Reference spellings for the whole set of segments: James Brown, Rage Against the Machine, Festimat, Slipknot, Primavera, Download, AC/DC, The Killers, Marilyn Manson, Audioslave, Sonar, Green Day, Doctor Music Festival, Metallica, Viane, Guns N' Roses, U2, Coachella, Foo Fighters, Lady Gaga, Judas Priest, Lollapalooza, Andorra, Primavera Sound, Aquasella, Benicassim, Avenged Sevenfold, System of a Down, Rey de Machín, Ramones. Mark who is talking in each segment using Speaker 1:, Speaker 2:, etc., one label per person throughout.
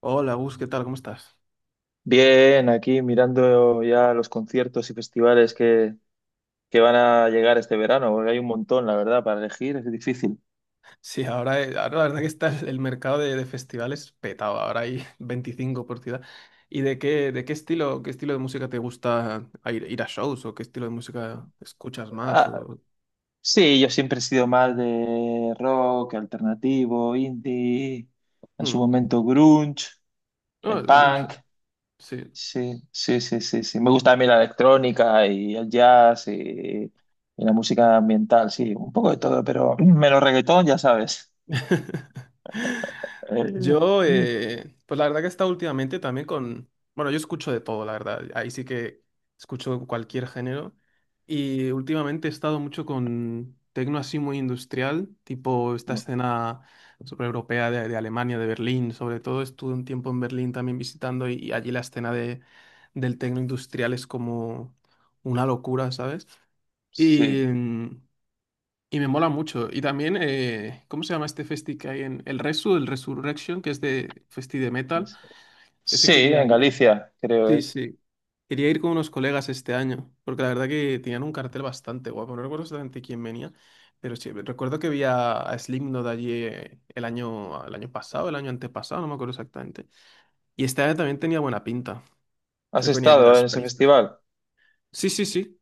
Speaker 1: Hola, Gus, ¿qué tal? ¿Cómo estás?
Speaker 2: Bien, aquí mirando ya los conciertos y festivales que van a llegar este verano, porque hay un montón, la verdad, para elegir, es difícil.
Speaker 1: Sí, ahora, ahora la verdad que está el mercado de festivales petado. Ahora hay 25 por ciudad. ¿Y de qué estilo de música te gusta a ir a shows? ¿O qué estilo de música escuchas más?
Speaker 2: Ah,
Speaker 1: O...
Speaker 2: sí, yo siempre he sido más de rock, alternativo, indie, en su
Speaker 1: Hmm.
Speaker 2: momento grunge,
Speaker 1: Ah, el grunge,
Speaker 2: punk.
Speaker 1: sí.
Speaker 2: Sí, sí, sí, sí, sí. Me gusta también la electrónica y el jazz y la música ambiental, sí, un poco de todo, pero menos reggaetón, ya sabes.
Speaker 1: Yo,
Speaker 2: Eh,
Speaker 1: pues la verdad que he estado últimamente también con, bueno, yo escucho de todo, la verdad, ahí sí que escucho cualquier género y últimamente he estado mucho con tecno así muy industrial, tipo esta
Speaker 2: no,
Speaker 1: escena sobre europea de Alemania, de Berlín. Sobre todo estuve un tiempo en Berlín también visitando y allí la del tecno industrial es como una locura, ¿sabes?
Speaker 2: sí.
Speaker 1: Y, y me mola mucho. Y también, ¿cómo se llama este festi que hay en el Resu, el Resurrection, que es de festi de metal? Ese
Speaker 2: Sí,
Speaker 1: quería
Speaker 2: en
Speaker 1: ir.
Speaker 2: Galicia, creo
Speaker 1: Sí,
Speaker 2: es.
Speaker 1: sí. Quería ir con unos colegas este año, porque la verdad que tenían un cartel bastante guapo. No recuerdo exactamente quién venía, pero sí, recuerdo que vi a Slipknot allí el el año pasado, el año antepasado, no me acuerdo exactamente. Y este año también tenía buena pinta.
Speaker 2: ¿Has
Speaker 1: Creo que venía
Speaker 2: estado
Speaker 1: Judas
Speaker 2: en ese
Speaker 1: Priest.
Speaker 2: festival?
Speaker 1: Sí, sí, sí.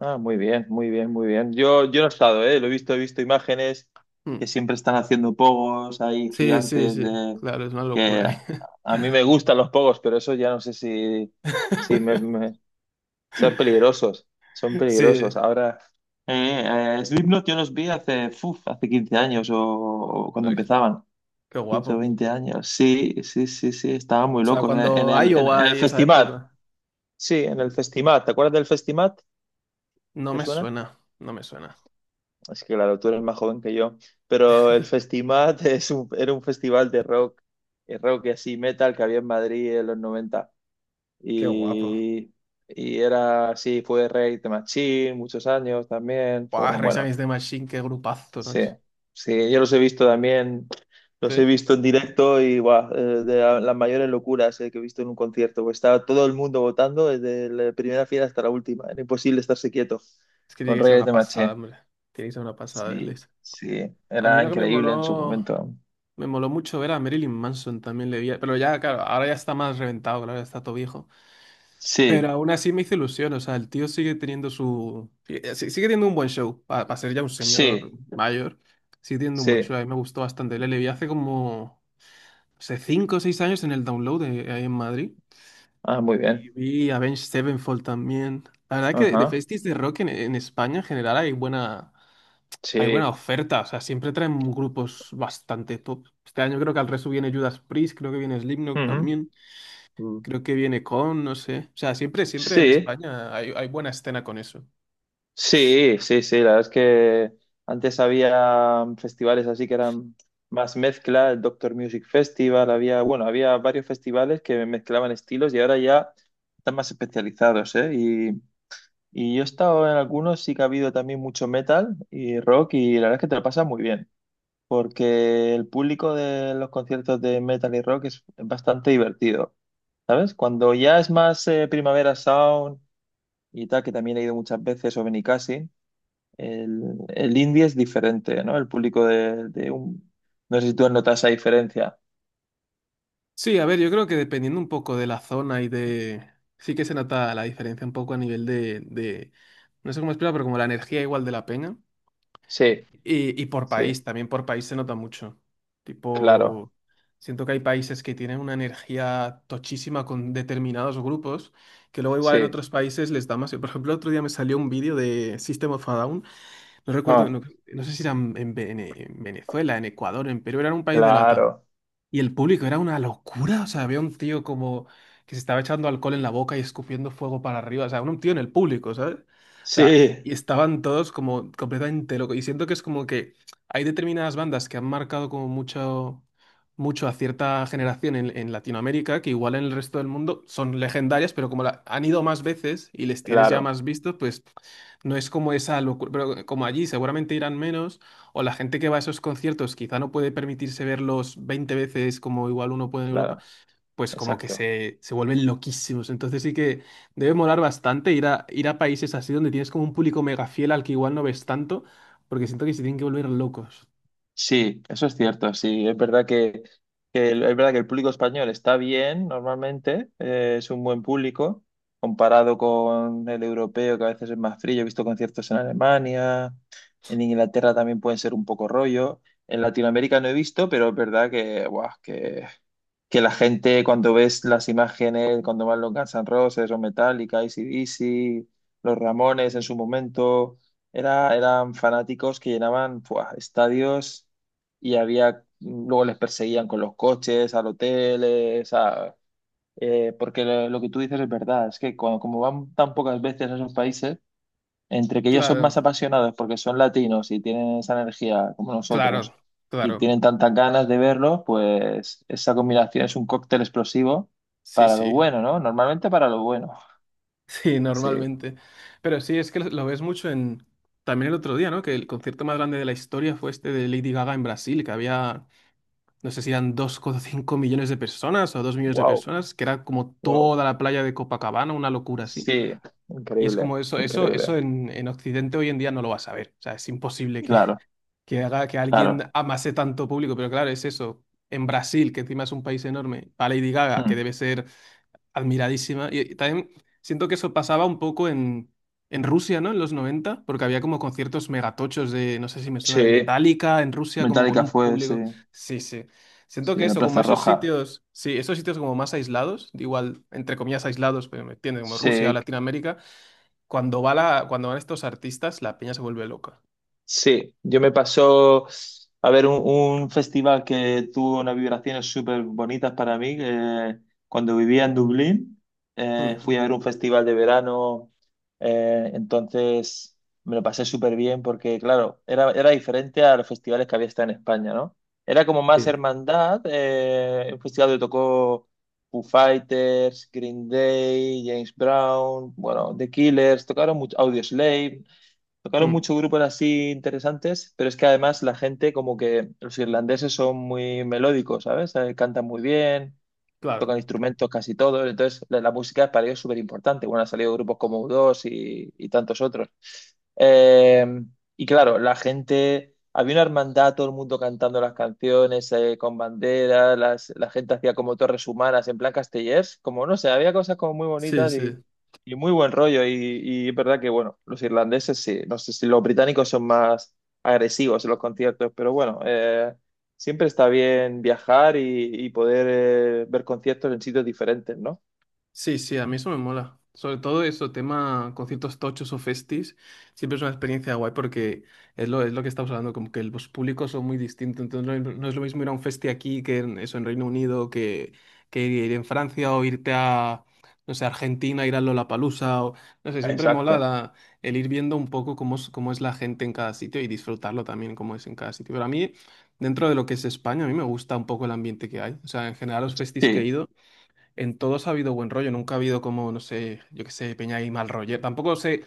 Speaker 2: Ah, muy bien, muy bien, muy bien. Yo no he estado, ¿eh? Lo he visto imágenes que
Speaker 1: Mm.
Speaker 2: siempre están haciendo pogos, hay
Speaker 1: Sí, sí,
Speaker 2: gigantes
Speaker 1: sí.
Speaker 2: de...
Speaker 1: Claro, es una
Speaker 2: Que
Speaker 1: locura, eh.
Speaker 2: a mí me gustan los pogos, pero eso ya no sé si son peligrosos, son
Speaker 1: Sí.
Speaker 2: peligrosos. Ahora, Slipknot yo los vi hace, uf, hace 15 años o cuando empezaban.
Speaker 1: Qué
Speaker 2: quince
Speaker 1: guapo.
Speaker 2: o veinte años. Sí, sí, sí, sí, estaban
Speaker 1: O
Speaker 2: muy
Speaker 1: sea,
Speaker 2: locos en
Speaker 1: cuando
Speaker 2: el, en, en
Speaker 1: Iowa
Speaker 2: el
Speaker 1: y esa
Speaker 2: festival.
Speaker 1: época,
Speaker 2: Sí, en el Festimat. ¿Te acuerdas del Festimat?
Speaker 1: no
Speaker 2: ¿Te
Speaker 1: me
Speaker 2: suena?
Speaker 1: suena, no me suena.
Speaker 2: Es que claro, tú eres más joven que yo. Pero el Festimat era un festival de rock, rock y así metal que había en Madrid en los 90.
Speaker 1: Qué guapo.
Speaker 2: Y y era así, fue Rey de Machín muchos años también.
Speaker 1: Guau,
Speaker 2: Fueron,
Speaker 1: Rage
Speaker 2: bueno,
Speaker 1: Against the Machine, qué grupazo,
Speaker 2: sí,
Speaker 1: macho.
Speaker 2: sí, yo los he visto también, los he
Speaker 1: ¿Sí?
Speaker 2: visto en directo y guau, las mayores locuras que he visto en un concierto, pues estaba todo el mundo votando desde la primera fila hasta la última, era imposible estarse quieto
Speaker 1: Es que
Speaker 2: con
Speaker 1: tiene que ser
Speaker 2: Reyes
Speaker 1: una
Speaker 2: de
Speaker 1: pasada,
Speaker 2: Maché.
Speaker 1: hombre. Tiene que ser una pasada
Speaker 2: Sí,
Speaker 1: verles.
Speaker 2: sí,
Speaker 1: A mí
Speaker 2: era
Speaker 1: lo que
Speaker 2: increíble en su momento.
Speaker 1: me moló mucho ver a Marilyn Manson, también le vi, pero ya, claro, ahora ya está más reventado, claro, ya está todo viejo. Pero
Speaker 2: Sí,
Speaker 1: aún así me hizo ilusión, o sea, el tío sigue teniendo sigue teniendo un buen show, para ser ya un señor
Speaker 2: sí,
Speaker 1: mayor, sigue teniendo un buen
Speaker 2: sí.
Speaker 1: show. A mí me gustó bastante. Le vi hace como hace 5 o 6 años en el Download de, ahí en Madrid.
Speaker 2: Ah, muy
Speaker 1: Y
Speaker 2: bien.
Speaker 1: vi Avenged Sevenfold también. La verdad que de
Speaker 2: Ajá,
Speaker 1: festis de rock en España en general hay buena
Speaker 2: sí.
Speaker 1: oferta. O sea, siempre traen grupos bastante top. Este año creo que al resto viene Judas Priest, creo que viene Slipknot
Speaker 2: Ujú.
Speaker 1: también,
Speaker 2: Mm.
Speaker 1: creo que viene Con, no sé. O sea, siempre, siempre en
Speaker 2: Sí.
Speaker 1: España hay, hay buena escena con eso.
Speaker 2: Sí, sí, sí, la verdad es que antes había festivales así que eran más mezcla, el Doctor Music Festival, había, bueno, había varios festivales que mezclaban estilos y ahora ya están más especializados, ¿eh? Y yo he estado en algunos, sí que ha habido también mucho metal y rock y la verdad es que te lo pasas muy bien, porque el público de los conciertos de metal y rock es bastante divertido, ¿sabes? Cuando ya es más Primavera Sound y tal, que también he ido muchas veces, o Benicassim. El indie es diferente, ¿no? El público de un... No sé si tú notas esa diferencia.
Speaker 1: Sí, a ver, yo creo que dependiendo un poco de la zona y de... Sí que se nota la diferencia un poco a nivel de... No sé cómo explicar, pero como la energía igual de la peña.
Speaker 2: Sí,
Speaker 1: Y por
Speaker 2: sí,
Speaker 1: país, también por país se nota mucho.
Speaker 2: claro,
Speaker 1: Tipo, siento que hay países que tienen una energía tochísima con determinados grupos, que luego igual en
Speaker 2: sí.
Speaker 1: otros países les da más. Por ejemplo, otro día me salió un vídeo de System of a Down, no recuerdo,
Speaker 2: Ah,
Speaker 1: no, no sé si era en, Vene- en Venezuela, en Ecuador, en Perú, era un país de la,
Speaker 2: claro,
Speaker 1: y el público era una locura. O sea, había un tío como que se estaba echando alcohol en la boca y escupiendo fuego para arriba. O sea, un tío en el público, ¿sabes? O sea,
Speaker 2: sí,
Speaker 1: y estaban todos como completamente locos. Y siento que es como que hay determinadas bandas que han marcado como mucho, mucho a cierta generación en Latinoamérica, que igual en el resto del mundo son legendarias, pero como la- han ido más veces y les tienes ya
Speaker 2: claro,
Speaker 1: más vistos, pues no es como esa locura. Pero como allí seguramente irán menos. O la gente que va a esos conciertos quizá no puede permitirse verlos 20 veces como igual uno puede en Europa,
Speaker 2: claro,
Speaker 1: pues como que
Speaker 2: exacto.
Speaker 1: se vuelven loquísimos. Entonces sí que debe molar bastante ir ir a países así donde tienes como un público mega fiel al que igual no ves tanto, porque siento que se tienen que volver locos.
Speaker 2: Sí, eso es cierto, sí. Es verdad que es verdad que el público español está bien normalmente, es un buen público, comparado con el europeo, que a veces es más frío. He visto conciertos en Alemania, en Inglaterra también pueden ser un poco rollo. En Latinoamérica no he visto, pero es verdad que, guau, que la gente cuando ves las imágenes, cuando van los Guns N' Roses o Metallica, AC/DC, los Ramones en su momento, era, eran fanáticos que llenaban ¡fua! Estadios y había, luego les perseguían con los coches, al hotel, o sea, porque lo que tú dices es verdad, es que cuando, como van tan pocas veces a esos países, entre que ellos son más
Speaker 1: Claro,
Speaker 2: apasionados porque son latinos y tienen esa energía como
Speaker 1: claro,
Speaker 2: nosotros y
Speaker 1: claro.
Speaker 2: tienen tantas ganas de verlo, pues esa combinación es un cóctel explosivo
Speaker 1: Sí,
Speaker 2: para lo
Speaker 1: sí.
Speaker 2: bueno, ¿no? Normalmente para lo bueno.
Speaker 1: Sí,
Speaker 2: Sí.
Speaker 1: normalmente. Pero sí, es que lo ves mucho en... También el otro día, ¿no? Que el concierto más grande de la historia fue este de Lady Gaga en Brasil, que había no sé si eran 2,5 millones de personas o 2 millones de
Speaker 2: Wow,
Speaker 1: personas, que era como
Speaker 2: wow.
Speaker 1: toda la playa de Copacabana, una locura así.
Speaker 2: Sí.
Speaker 1: Y es
Speaker 2: Increíble,
Speaker 1: como eso, eso,
Speaker 2: increíble.
Speaker 1: eso en Occidente hoy en día no lo vas a ver. O sea, es imposible
Speaker 2: Claro,
Speaker 1: que haga que alguien
Speaker 2: claro.
Speaker 1: amase tanto público, pero claro, es eso. En Brasil, que encima es un país enorme, para Lady Gaga, que
Speaker 2: Mm.
Speaker 1: debe ser admiradísima. Y también siento que eso pasaba un poco en Rusia, ¿no? En los noventa, porque había como conciertos megatochos de, no sé si me suena, de
Speaker 2: Sí,
Speaker 1: Metallica en Rusia, como con
Speaker 2: Metallica
Speaker 1: un
Speaker 2: fue, sí,
Speaker 1: público. Sí, sí. Siento
Speaker 2: sí,
Speaker 1: que
Speaker 2: en la
Speaker 1: eso, como
Speaker 2: Plaza
Speaker 1: esos
Speaker 2: Roja.
Speaker 1: sitios, sí, esos sitios como más aislados, igual, entre comillas aislados, pero me entiende, como Rusia o
Speaker 2: Sí.
Speaker 1: Latinoamérica, cuando va la, cuando van estos artistas, la peña se vuelve loca.
Speaker 2: Sí, yo me pasó a ver un, festival que tuvo unas vibraciones súper bonitas para mí. Que cuando vivía en Dublín, fui
Speaker 1: Mm.
Speaker 2: a ver un festival de verano, entonces me lo pasé súper bien porque, claro, era diferente a los festivales que había estado en España, ¿no? Era como más
Speaker 1: Sí.
Speaker 2: hermandad, un festival donde tocó Foo Fighters, Green Day, James Brown, bueno, The Killers, tocaron mucho, Audioslave. Tocaron
Speaker 1: Mm,
Speaker 2: muchos grupos así interesantes, pero es que además la gente, como que los irlandeses son muy melódicos, ¿sabes? Cantan muy bien,
Speaker 1: claro.
Speaker 2: tocan instrumentos casi todos, entonces la música para ellos es súper importante. Bueno, han salido grupos como U2 y tantos otros. Eh, y claro, la gente, había una hermandad, todo el mundo cantando las canciones con banderas, la gente hacía como torres humanas en plan castellers, como no sé, había cosas como muy
Speaker 1: Sí,
Speaker 2: bonitas y,
Speaker 1: sí.
Speaker 2: y muy buen rollo. Y es verdad que, bueno, los irlandeses sí, no sé si los británicos son más agresivos en los conciertos, pero bueno. Siempre está bien viajar y poder ver conciertos en sitios diferentes, ¿no?
Speaker 1: Sí, sí, a mí eso me mola. Sobre todo eso, tema conciertos tochos o festis, siempre es una experiencia guay porque es lo que estamos hablando, como que los públicos son muy distintos. Entonces no, es no es lo mismo ir a un festi aquí que en, eso en Reino Unido, que ir en Francia o irte a, no sé, Argentina, ir a Lollapalooza o, no sé, siempre mola
Speaker 2: Exacto.
Speaker 1: la- el ir viendo un poco cómo es la gente en cada sitio y disfrutarlo también cómo es en cada sitio. Pero a mí, dentro de lo que es España, a mí me gusta un poco el ambiente que hay. O sea, en general los festis que he
Speaker 2: Sí,
Speaker 1: ido. En todos ha habido buen rollo, nunca ha habido como, no sé, yo qué sé, peña y mal rollo. Tampoco sé,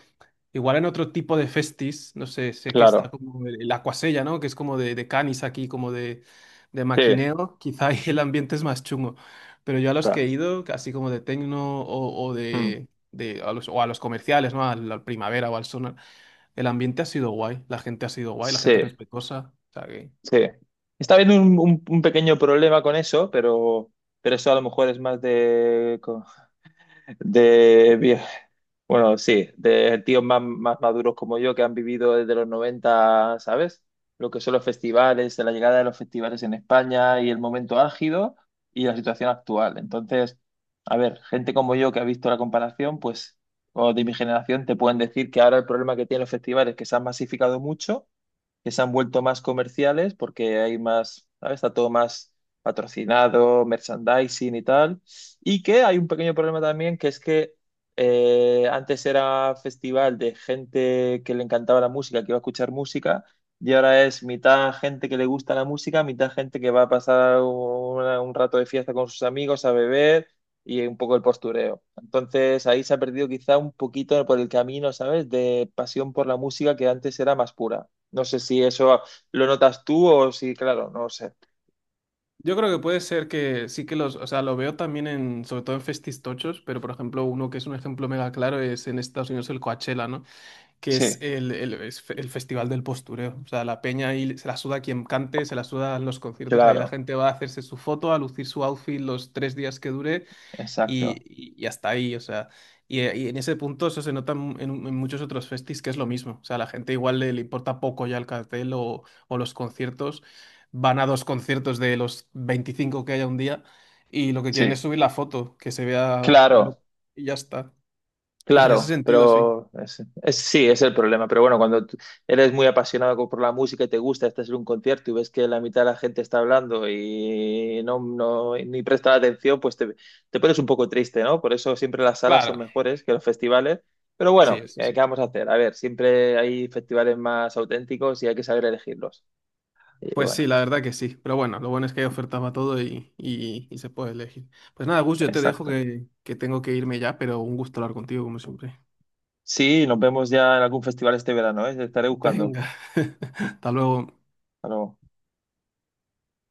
Speaker 1: igual en otro tipo de festis, no sé, sé que está
Speaker 2: claro.
Speaker 1: como el Aquasella, ¿no? Que es como de canis aquí, como de
Speaker 2: Sí,
Speaker 1: maquineo. Quizá ahí el ambiente es más chungo. Pero yo a los que he
Speaker 2: claro.
Speaker 1: ido, así como de tecno o
Speaker 2: Mm.
Speaker 1: de a los, o a los comerciales, ¿no? Al, al Primavera o al Sonar, el ambiente ha sido guay, la gente ha sido guay, la gente
Speaker 2: Sí,
Speaker 1: respetuosa. O sea que...
Speaker 2: sí. Está habiendo un, un pequeño problema con eso, pero eso a lo mejor es más de, vie- bueno, sí, de tíos más, más maduros como yo que han vivido desde los 90, ¿sabes? Lo que son los festivales, la llegada de los festivales en España y el momento álgido y la situación actual. Entonces, a ver, gente como yo que ha visto la comparación, pues, o de mi generación, te pueden decir que ahora el problema que tienen los festivales es que se han masificado mucho, que se han vuelto más comerciales porque hay más, ¿sabes? Está todo más patrocinado, merchandising y tal. Y que hay un pequeño problema también, que es que antes era festival de gente que le encantaba la música, que iba a escuchar música, y ahora es mitad gente que le gusta la música, mitad gente que va a pasar un rato de fiesta con sus amigos a beber. Y un poco el postureo. Entonces ahí se ha perdido quizá un poquito por el camino, ¿sabes? De pasión por la música que antes era más pura. No sé si eso lo notas tú o si, claro, no sé.
Speaker 1: Yo creo que puede ser que sí que los, o sea, lo veo también en, sobre todo en festistochos, pero por ejemplo, uno que es un ejemplo mega claro es en Estados Unidos el Coachella, ¿no? Que es
Speaker 2: Sí,
Speaker 1: es fe- el festival del postureo. O sea, la peña ahí se la suda quien cante, se la suda los conciertos, ahí la
Speaker 2: claro,
Speaker 1: gente va a hacerse su foto, a lucir su outfit los 3 días que dure
Speaker 2: exacto.
Speaker 1: y hasta ahí, o sea, y en ese punto eso se nota en- muchos otros festis que es lo mismo, o sea, la gente igual le, le importa poco ya el cartel o los conciertos, van a 2 conciertos de los 25 que haya un día y lo que quieren es
Speaker 2: Sí,
Speaker 1: subir la foto, que se vea lo-
Speaker 2: claro,
Speaker 1: y ya está. Entonces, en ese
Speaker 2: claro,
Speaker 1: sentido, sí.
Speaker 2: pero es- sí, es el problema. Pero bueno, cuando tú eres muy apasionado por la música y te gusta, estás en un concierto y ves que la mitad de la gente está hablando y no ni presta la atención, pues te te pones un poco triste, ¿no? Por eso siempre las salas son
Speaker 1: Claro,
Speaker 2: mejores que los festivales. Pero
Speaker 1: sí,
Speaker 2: bueno,
Speaker 1: eso
Speaker 2: ¿qué
Speaker 1: sí.
Speaker 2: vamos a hacer? A ver, siempre hay festivales más auténticos y hay que saber elegirlos. Y
Speaker 1: Pues sí,
Speaker 2: bueno,
Speaker 1: la verdad que sí, pero bueno, lo bueno es que hay ofertas para todo y y se puede elegir. Pues nada, Gus, yo te dejo
Speaker 2: exacto.
Speaker 1: que tengo que irme ya, pero un gusto hablar contigo como siempre.
Speaker 2: Sí, nos vemos ya en algún festival este verano, ¿eh? Te estaré buscando.
Speaker 1: Venga, hasta luego.
Speaker 2: Hasta luego.